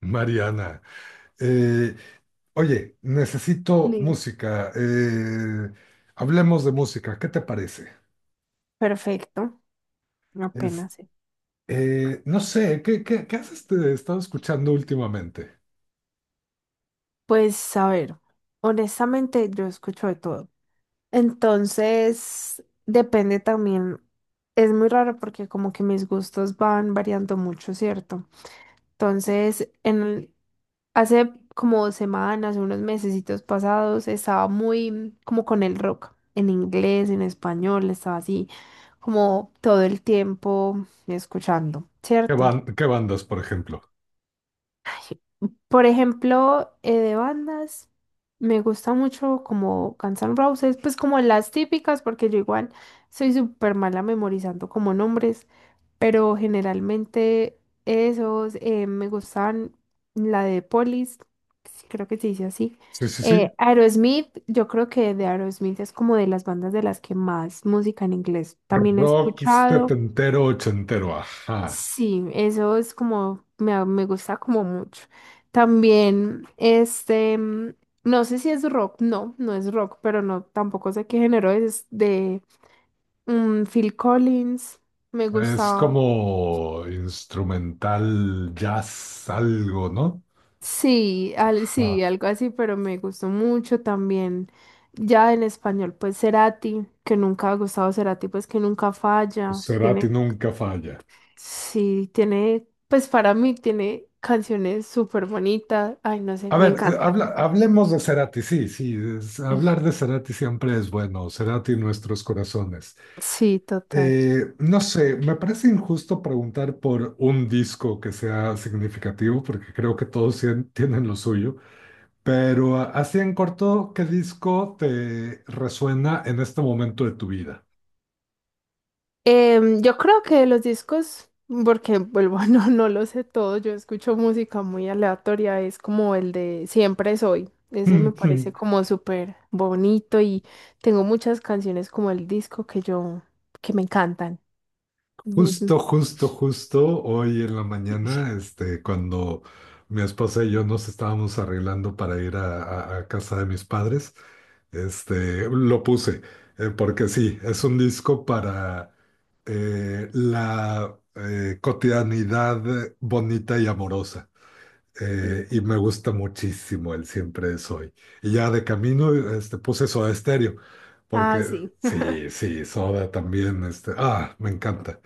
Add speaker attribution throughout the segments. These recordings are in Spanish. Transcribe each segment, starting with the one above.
Speaker 1: Mariana, eh, oye, necesito
Speaker 2: Sí.
Speaker 1: música. Hablemos de música, ¿qué te parece?
Speaker 2: Perfecto,
Speaker 1: Es-
Speaker 2: apenas sé.
Speaker 1: no sé, ¿qué has estado escuchando últimamente?
Speaker 2: Pues a ver, honestamente yo escucho de todo. Entonces, depende también. Es muy raro porque como que mis gustos van variando mucho, ¿cierto? Entonces, hace como 2 semanas, unos mesecitos pasados, estaba muy como con el rock, en inglés, en español, estaba así como todo el tiempo escuchando, ¿cierto?
Speaker 1: Qué bandas, por ejemplo?
Speaker 2: Por ejemplo, de bandas, me gusta mucho como Guns N' Roses, pues como las típicas, porque yo igual soy súper mala memorizando como nombres, pero generalmente esos me gustan la de Police, sí, creo que se dice así.
Speaker 1: Sí, sí, sí.
Speaker 2: Aerosmith, yo creo que de Aerosmith es como de las bandas de las que más música en inglés también he
Speaker 1: Rock
Speaker 2: escuchado.
Speaker 1: setentero, ochentero, ajá.
Speaker 2: Sí, eso es como, me gusta como mucho. También, este, no sé si es rock, no, no es rock, pero no, tampoco sé qué género es, de Phil Collins, me
Speaker 1: Es
Speaker 2: gustaba,
Speaker 1: como instrumental jazz, algo, ¿no?
Speaker 2: sí,
Speaker 1: Ajá.
Speaker 2: sí, algo así, pero me gustó mucho también. Ya en español, pues Cerati, que nunca ha gustado Cerati, pues que nunca
Speaker 1: Pues
Speaker 2: falla,
Speaker 1: Cerati
Speaker 2: tiene,
Speaker 1: nunca falla.
Speaker 2: sí, tiene, pues para mí tiene canciones súper bonitas, ay, no sé,
Speaker 1: A
Speaker 2: me
Speaker 1: ver,
Speaker 2: encanta.
Speaker 1: hablemos de Cerati, sí, sí, hablar de Cerati siempre es bueno, Cerati en nuestros corazones.
Speaker 2: Sí, total.
Speaker 1: No sé, me parece injusto preguntar por un disco que sea significativo, porque creo que todos tienen lo suyo, pero así en corto, ¿qué disco te resuena en este momento de tu vida?
Speaker 2: Yo creo que los discos, porque vuelvo, no, no lo sé todo, yo escucho música muy aleatoria, es como el de Siempre Soy. Ese me parece como súper bonito y tengo muchas canciones como el disco que yo, que me encantan. Es-
Speaker 1: Justo, justo, justo hoy en la mañana, cuando mi esposa y yo nos estábamos arreglando para ir a, a casa de mis padres, lo puse, porque sí, es un disco para la cotidianidad bonita y amorosa.
Speaker 2: sí.
Speaker 1: Y me gusta muchísimo el Siempre es hoy. Y ya de camino, puse Soda Stereo,
Speaker 2: Ah,
Speaker 1: porque
Speaker 2: sí.
Speaker 1: sí, sí, Soda también, me encanta.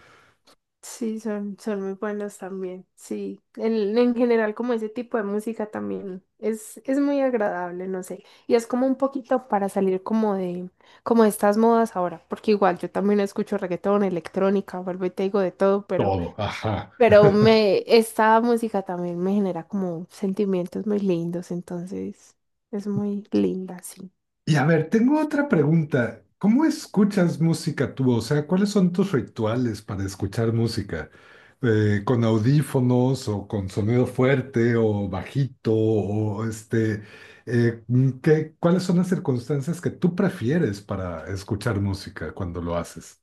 Speaker 2: Sí, son muy buenos también. Sí, en general como ese tipo de música también es muy agradable, no sé. Y es como un poquito para salir como de estas modas ahora, porque igual yo también escucho reggaetón, electrónica, vuelvo y te digo de todo, pero,
Speaker 1: Todo, ajá.
Speaker 2: pero me, esta música también me genera como sentimientos muy lindos, entonces es muy linda, sí.
Speaker 1: Y a ver, tengo otra pregunta. ¿Cómo escuchas música tú? O sea, ¿cuáles son tus rituales para escuchar música? ¿Con audífonos o con sonido fuerte o bajito? O cuáles son las circunstancias que tú prefieres para escuchar música cuando lo haces?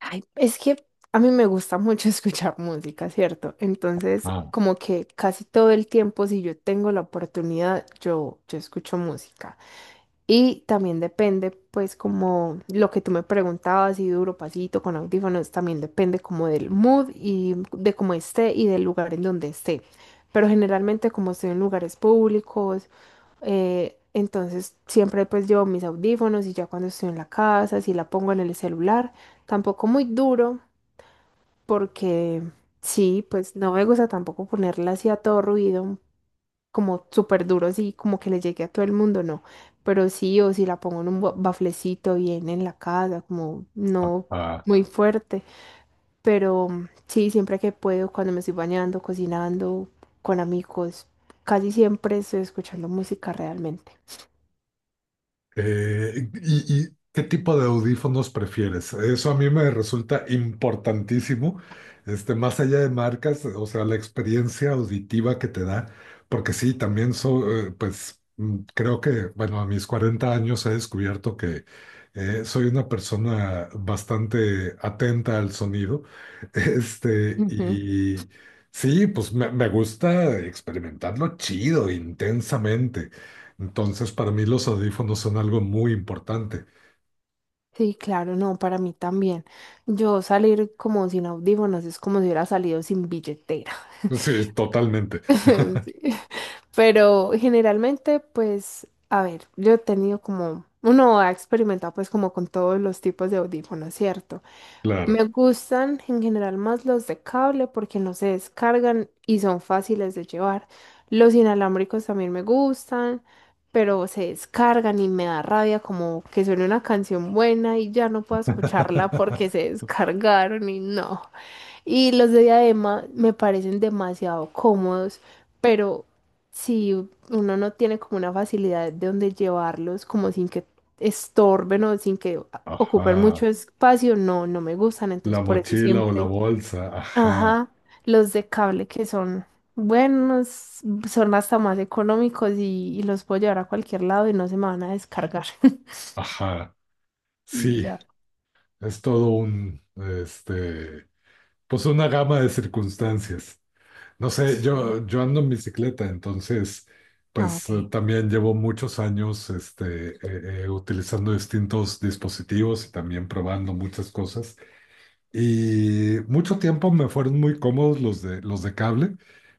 Speaker 2: Ay, es que a mí me gusta mucho escuchar música, ¿cierto? Entonces, como que casi todo el tiempo, si yo tengo la oportunidad, yo escucho música. Y también depende, pues, como lo que tú me preguntabas, si duro, pasito, con audífonos, también depende como del mood y de cómo esté y del lugar en donde esté. Pero generalmente, como estoy en lugares públicos, entonces siempre pues llevo mis audífonos y ya cuando estoy en la casa, si la pongo en el celular, tampoco muy duro, porque sí, pues no me gusta tampoco ponerla así a todo ruido, como súper duro, así como que le llegue a todo el mundo, no. Pero sí, o si la pongo en un baflecito bien en la casa, como no
Speaker 1: Ah,
Speaker 2: muy fuerte, pero sí, siempre que puedo, cuando me estoy bañando, cocinando, con amigos, casi siempre estoy escuchando música realmente.
Speaker 1: Y, ¿qué tipo de audífonos prefieres? Eso a mí me resulta importantísimo, más allá de marcas, o sea, la experiencia auditiva que te da, porque sí, también so- pues mm, creo que, bueno, a mis 40 años he descubierto que soy una persona bastante atenta al sonido,
Speaker 2: Ujú.
Speaker 1: y sí, pues me gusta experimentarlo chido, intensamente. Entonces, para mí los audífonos son algo muy importante.
Speaker 2: Sí, claro, no, para mí también. Yo salir como sin audífonos es como si hubiera salido sin billetera.
Speaker 1: Sí, totalmente.
Speaker 2: Sí. Pero generalmente, pues, a ver, yo he tenido como, uno ha experimentado pues como con todos los tipos de audífonos, ¿cierto?
Speaker 1: Claro.
Speaker 2: Me gustan en general más los de cable porque no se descargan y son fáciles de llevar. Los inalámbricos también me gustan, pero se descargan y me da rabia como que suene una canción buena y ya no puedo escucharla porque se descargaron y no. Y los de diadema me parecen demasiado cómodos, pero si uno no tiene como una facilidad de donde llevarlos, como sin que estorben o sin que ocupen
Speaker 1: Ajá.
Speaker 2: mucho espacio, no, no me gustan.
Speaker 1: La
Speaker 2: Entonces, por eso
Speaker 1: mochila o la
Speaker 2: siempre,
Speaker 1: bolsa. Ajá.
Speaker 2: ajá, los de cable que son buenos, son hasta más económicos y los puedo llevar a cualquier lado y no se me van a descargar.
Speaker 1: Ajá.
Speaker 2: Y
Speaker 1: Sí,
Speaker 2: ya.
Speaker 1: es todo un, pues una gama de circunstancias. No sé,
Speaker 2: Sí.
Speaker 1: yo ando en bicicleta, entonces,
Speaker 2: Ah,
Speaker 1: pues
Speaker 2: ok.
Speaker 1: también llevo muchos años, utilizando distintos dispositivos y también probando muchas cosas. Y mucho tiempo me fueron muy cómodos los de cable,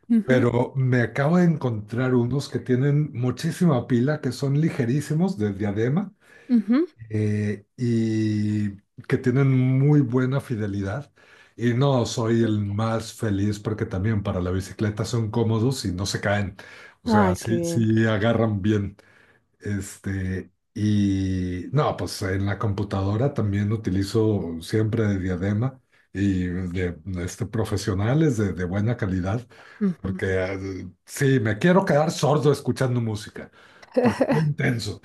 Speaker 2: Ujú,
Speaker 1: pero me acabo de encontrar unos que tienen muchísima pila, que son ligerísimos de diadema
Speaker 2: ujú.
Speaker 1: y que tienen muy buena fidelidad. Y no soy el más feliz porque también para la bicicleta son cómodos y no se caen. O sea,
Speaker 2: Ay, qué
Speaker 1: sí,
Speaker 2: bien.
Speaker 1: sí agarran bien. Y no, pues en la computadora también utilizo siempre de diadema y de profesionales de buena calidad,
Speaker 2: Ujú.
Speaker 1: porque sí, me quiero quedar sordo escuchando música, porque soy intenso.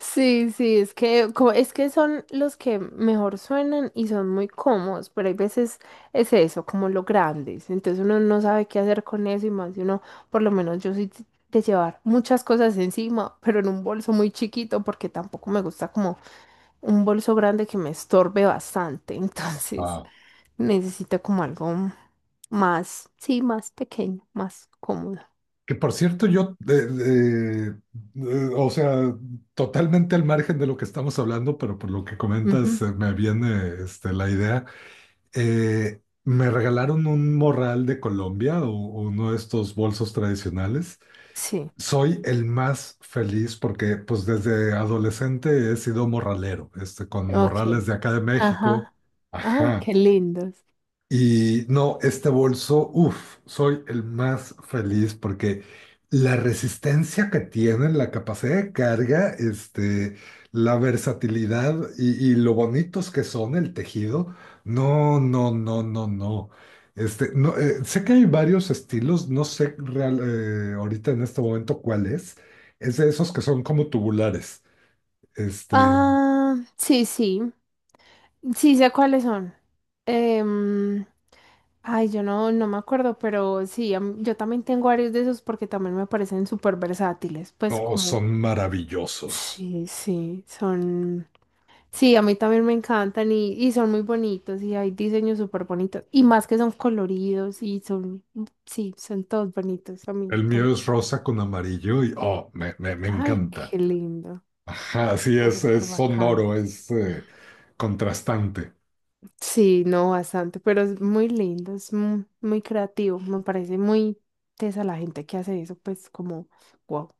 Speaker 2: Sí, sí, es que, como es que son los que mejor suenan y son muy cómodos, pero hay veces es eso, como los grandes, entonces uno no sabe qué hacer con eso y más si uno, por lo menos yo soy de llevar muchas cosas encima, pero en un bolso muy chiquito porque tampoco me gusta como un bolso grande que me estorbe bastante, entonces
Speaker 1: Ah,
Speaker 2: necesito como algo más, sí, más pequeño, más cómodo.
Speaker 1: que por cierto, yo, o sea, totalmente al margen de lo que estamos hablando, pero por lo que comentas,
Speaker 2: Ujú,
Speaker 1: me viene la idea. Me regalaron un morral de Colombia o uno de estos bolsos tradicionales.
Speaker 2: Sí.
Speaker 1: Soy el más feliz porque pues desde adolescente he sido morralero, con morrales
Speaker 2: Ok.
Speaker 1: de acá de México.
Speaker 2: Ajá. Ay,
Speaker 1: Ajá.
Speaker 2: qué lindos.
Speaker 1: Y no, este bolso, uff, soy el más feliz porque la resistencia que tiene, la capacidad de carga, la versatilidad y lo bonitos que son el tejido, no, no, no, no, no. No, sé que hay varios estilos, no sé real- ahorita en este momento cuál es. Es de esos que son como tubulares. Este,
Speaker 2: Ah, sí, sí. Sí, sé cuáles son. Em, Ay, yo no me acuerdo, pero sí, yo también tengo varios de esos porque también me parecen súper versátiles. Pues
Speaker 1: no
Speaker 2: como,
Speaker 1: son maravillosos.
Speaker 2: sí, sí, son, sí, a mí también me encantan y son muy bonitos y hay diseños súper bonitos. Y más que son coloridos y son, sí, son todos bonitos a mí
Speaker 1: El mío
Speaker 2: también.
Speaker 1: es rosa con amarillo y oh, me
Speaker 2: Ay,
Speaker 1: encanta.
Speaker 2: qué lindo.
Speaker 1: Ajá, sí,
Speaker 2: Está súper
Speaker 1: es
Speaker 2: bacano.
Speaker 1: sonoro, es contrastante.
Speaker 2: Sí, no, bastante, pero es muy lindo, es muy, muy creativo. Me parece muy tesa la gente que hace eso, pues como, wow.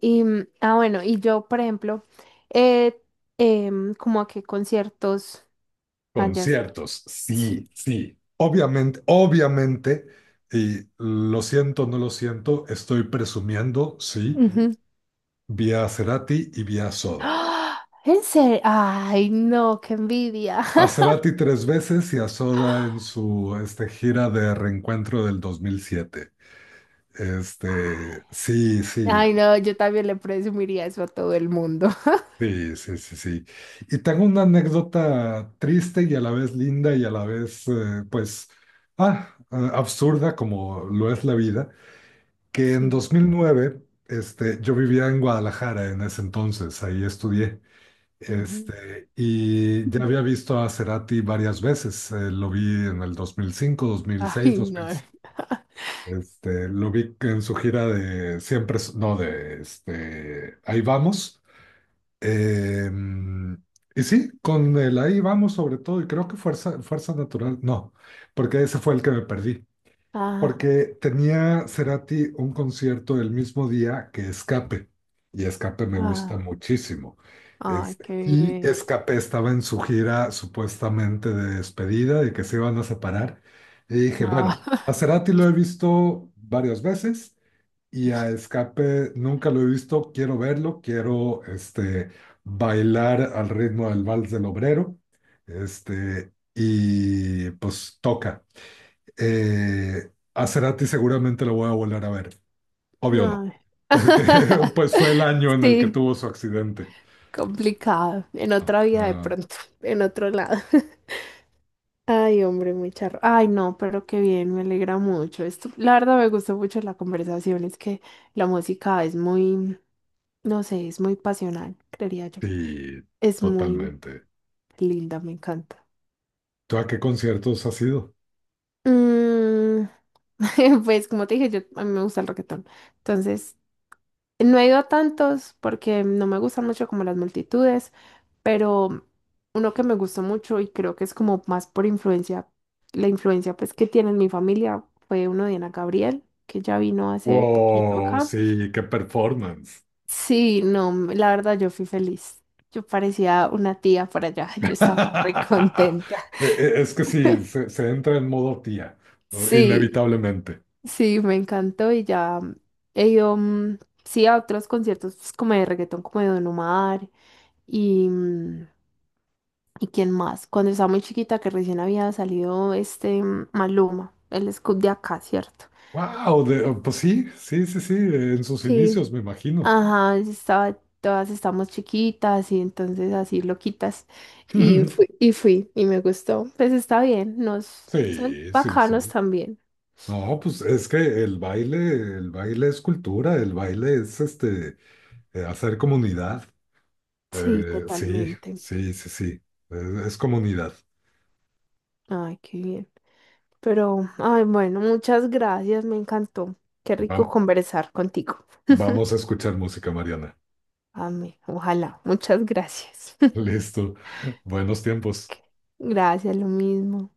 Speaker 2: Y, ah, bueno, y yo, por ejemplo, eh, como a qué conciertos allá sí.
Speaker 1: Conciertos,
Speaker 2: Sí.
Speaker 1: sí, sí. Obviamente, obviamente, y lo siento, no lo siento, estoy presumiendo, sí,
Speaker 2: Ujú.
Speaker 1: vi a Cerati y vi a Soda.
Speaker 2: ¡Ah! ¿En serio? Ay, no, qué envidia.
Speaker 1: A Cerati tres veces y a Soda en su gira de reencuentro del dos mil siete. Sí, sí,
Speaker 2: Ay, no, yo también le presumiría eso a todo el mundo.
Speaker 1: sí, sí, sí, sí. Y tengo una anécdota triste y a la vez linda y a la vez, pues, absurda como lo es la vida, que en
Speaker 2: Sí.
Speaker 1: 2009, yo vivía en Guadalajara en ese entonces, ahí estudié,
Speaker 2: Ujú.
Speaker 1: y ya había visto a Cerati varias veces, lo vi en el dos mil cinco, dos mil seis,
Speaker 2: Ay,
Speaker 1: dos mil
Speaker 2: no.
Speaker 1: cinco, 2005, 2006, 2007, lo vi en su gira de siempre, no, ahí vamos. Em, y sí, con el ahí vamos sobre todo, y creo que fuerza natural, no, porque ese fue el que me perdí,
Speaker 2: Ah.
Speaker 1: porque tenía Cerati un concierto el mismo día que Escape, y Escape me gusta
Speaker 2: Ah,
Speaker 1: muchísimo.
Speaker 2: ay, qué
Speaker 1: Y
Speaker 2: bien.
Speaker 1: Escape estaba en su gira supuestamente de despedida, de que se iban a separar, y dije, bueno, a
Speaker 2: Ah,
Speaker 1: Cerati lo he visto varias veces y a Escape nunca lo he visto, quiero verlo, quiero bailar al ritmo del vals del obrero, y pues toca. A Cerati seguramente lo voy a volver a ver, obvio no,
Speaker 2: ay.
Speaker 1: porque pues fue el año en el que
Speaker 2: Sí,
Speaker 1: tuvo su accidente.
Speaker 2: complicado. En otra vida de
Speaker 1: Ajá,
Speaker 2: pronto, en otro lado. Ay, hombre, muy charro. Ay, no, pero qué bien, me alegra mucho. Esto, la verdad me gustó mucho la conversación, es que la música es muy, no sé, es muy pasional, creería yo.
Speaker 1: sí,
Speaker 2: Es muy
Speaker 1: totalmente.
Speaker 2: linda, me encanta.
Speaker 1: ¿Tú a qué conciertos has ido?
Speaker 2: Mm, pues como te dije, a mí me gusta el reggaetón. Entonces, no he ido a tantos porque no me gustan mucho como las multitudes, pero uno que me gustó mucho y creo que es como más por influencia, la influencia pues que tiene en mi familia fue uno de Ana Gabriel, que ya vino hace poquito
Speaker 1: Wow,
Speaker 2: acá.
Speaker 1: sí, qué performance.
Speaker 2: Sí, no, la verdad yo fui feliz. Yo parecía una tía por allá, yo estaba re contenta.
Speaker 1: Es que sí, se entra en modo tía,
Speaker 2: Sí,
Speaker 1: inevitablemente.
Speaker 2: sí, me encantó y ya he ido, sí, a otros conciertos pues, como de reggaetón, como de Don Omar y ¿y quién más? Cuando estaba muy chiquita, que recién había salido este Maluma, el Scoop de acá, ¿cierto?
Speaker 1: Wow, pues sí, sí, sí, sí, en sus
Speaker 2: Sí.
Speaker 1: inicios, me imagino.
Speaker 2: Ajá, estaba, todas estamos chiquitas y entonces así loquitas. Y fui, y fui, y me gustó. Pues está bien, nos son
Speaker 1: Sí, sí,
Speaker 2: bacanos
Speaker 1: sí.
Speaker 2: también.
Speaker 1: No, pues es que el baile es cultura, el baile es hacer comunidad.
Speaker 2: Sí,
Speaker 1: Sí,
Speaker 2: totalmente.
Speaker 1: sí, sí, sí, es, es comunidad.
Speaker 2: Ay, qué bien. Pero, ay, bueno, muchas gracias, me encantó. Qué rico
Speaker 1: Vam-
Speaker 2: conversar contigo.
Speaker 1: Vamos a escuchar música, Mariana.
Speaker 2: Amén, ojalá. Muchas gracias.
Speaker 1: Listo, buenos tiempos.
Speaker 2: Gracias, lo mismo.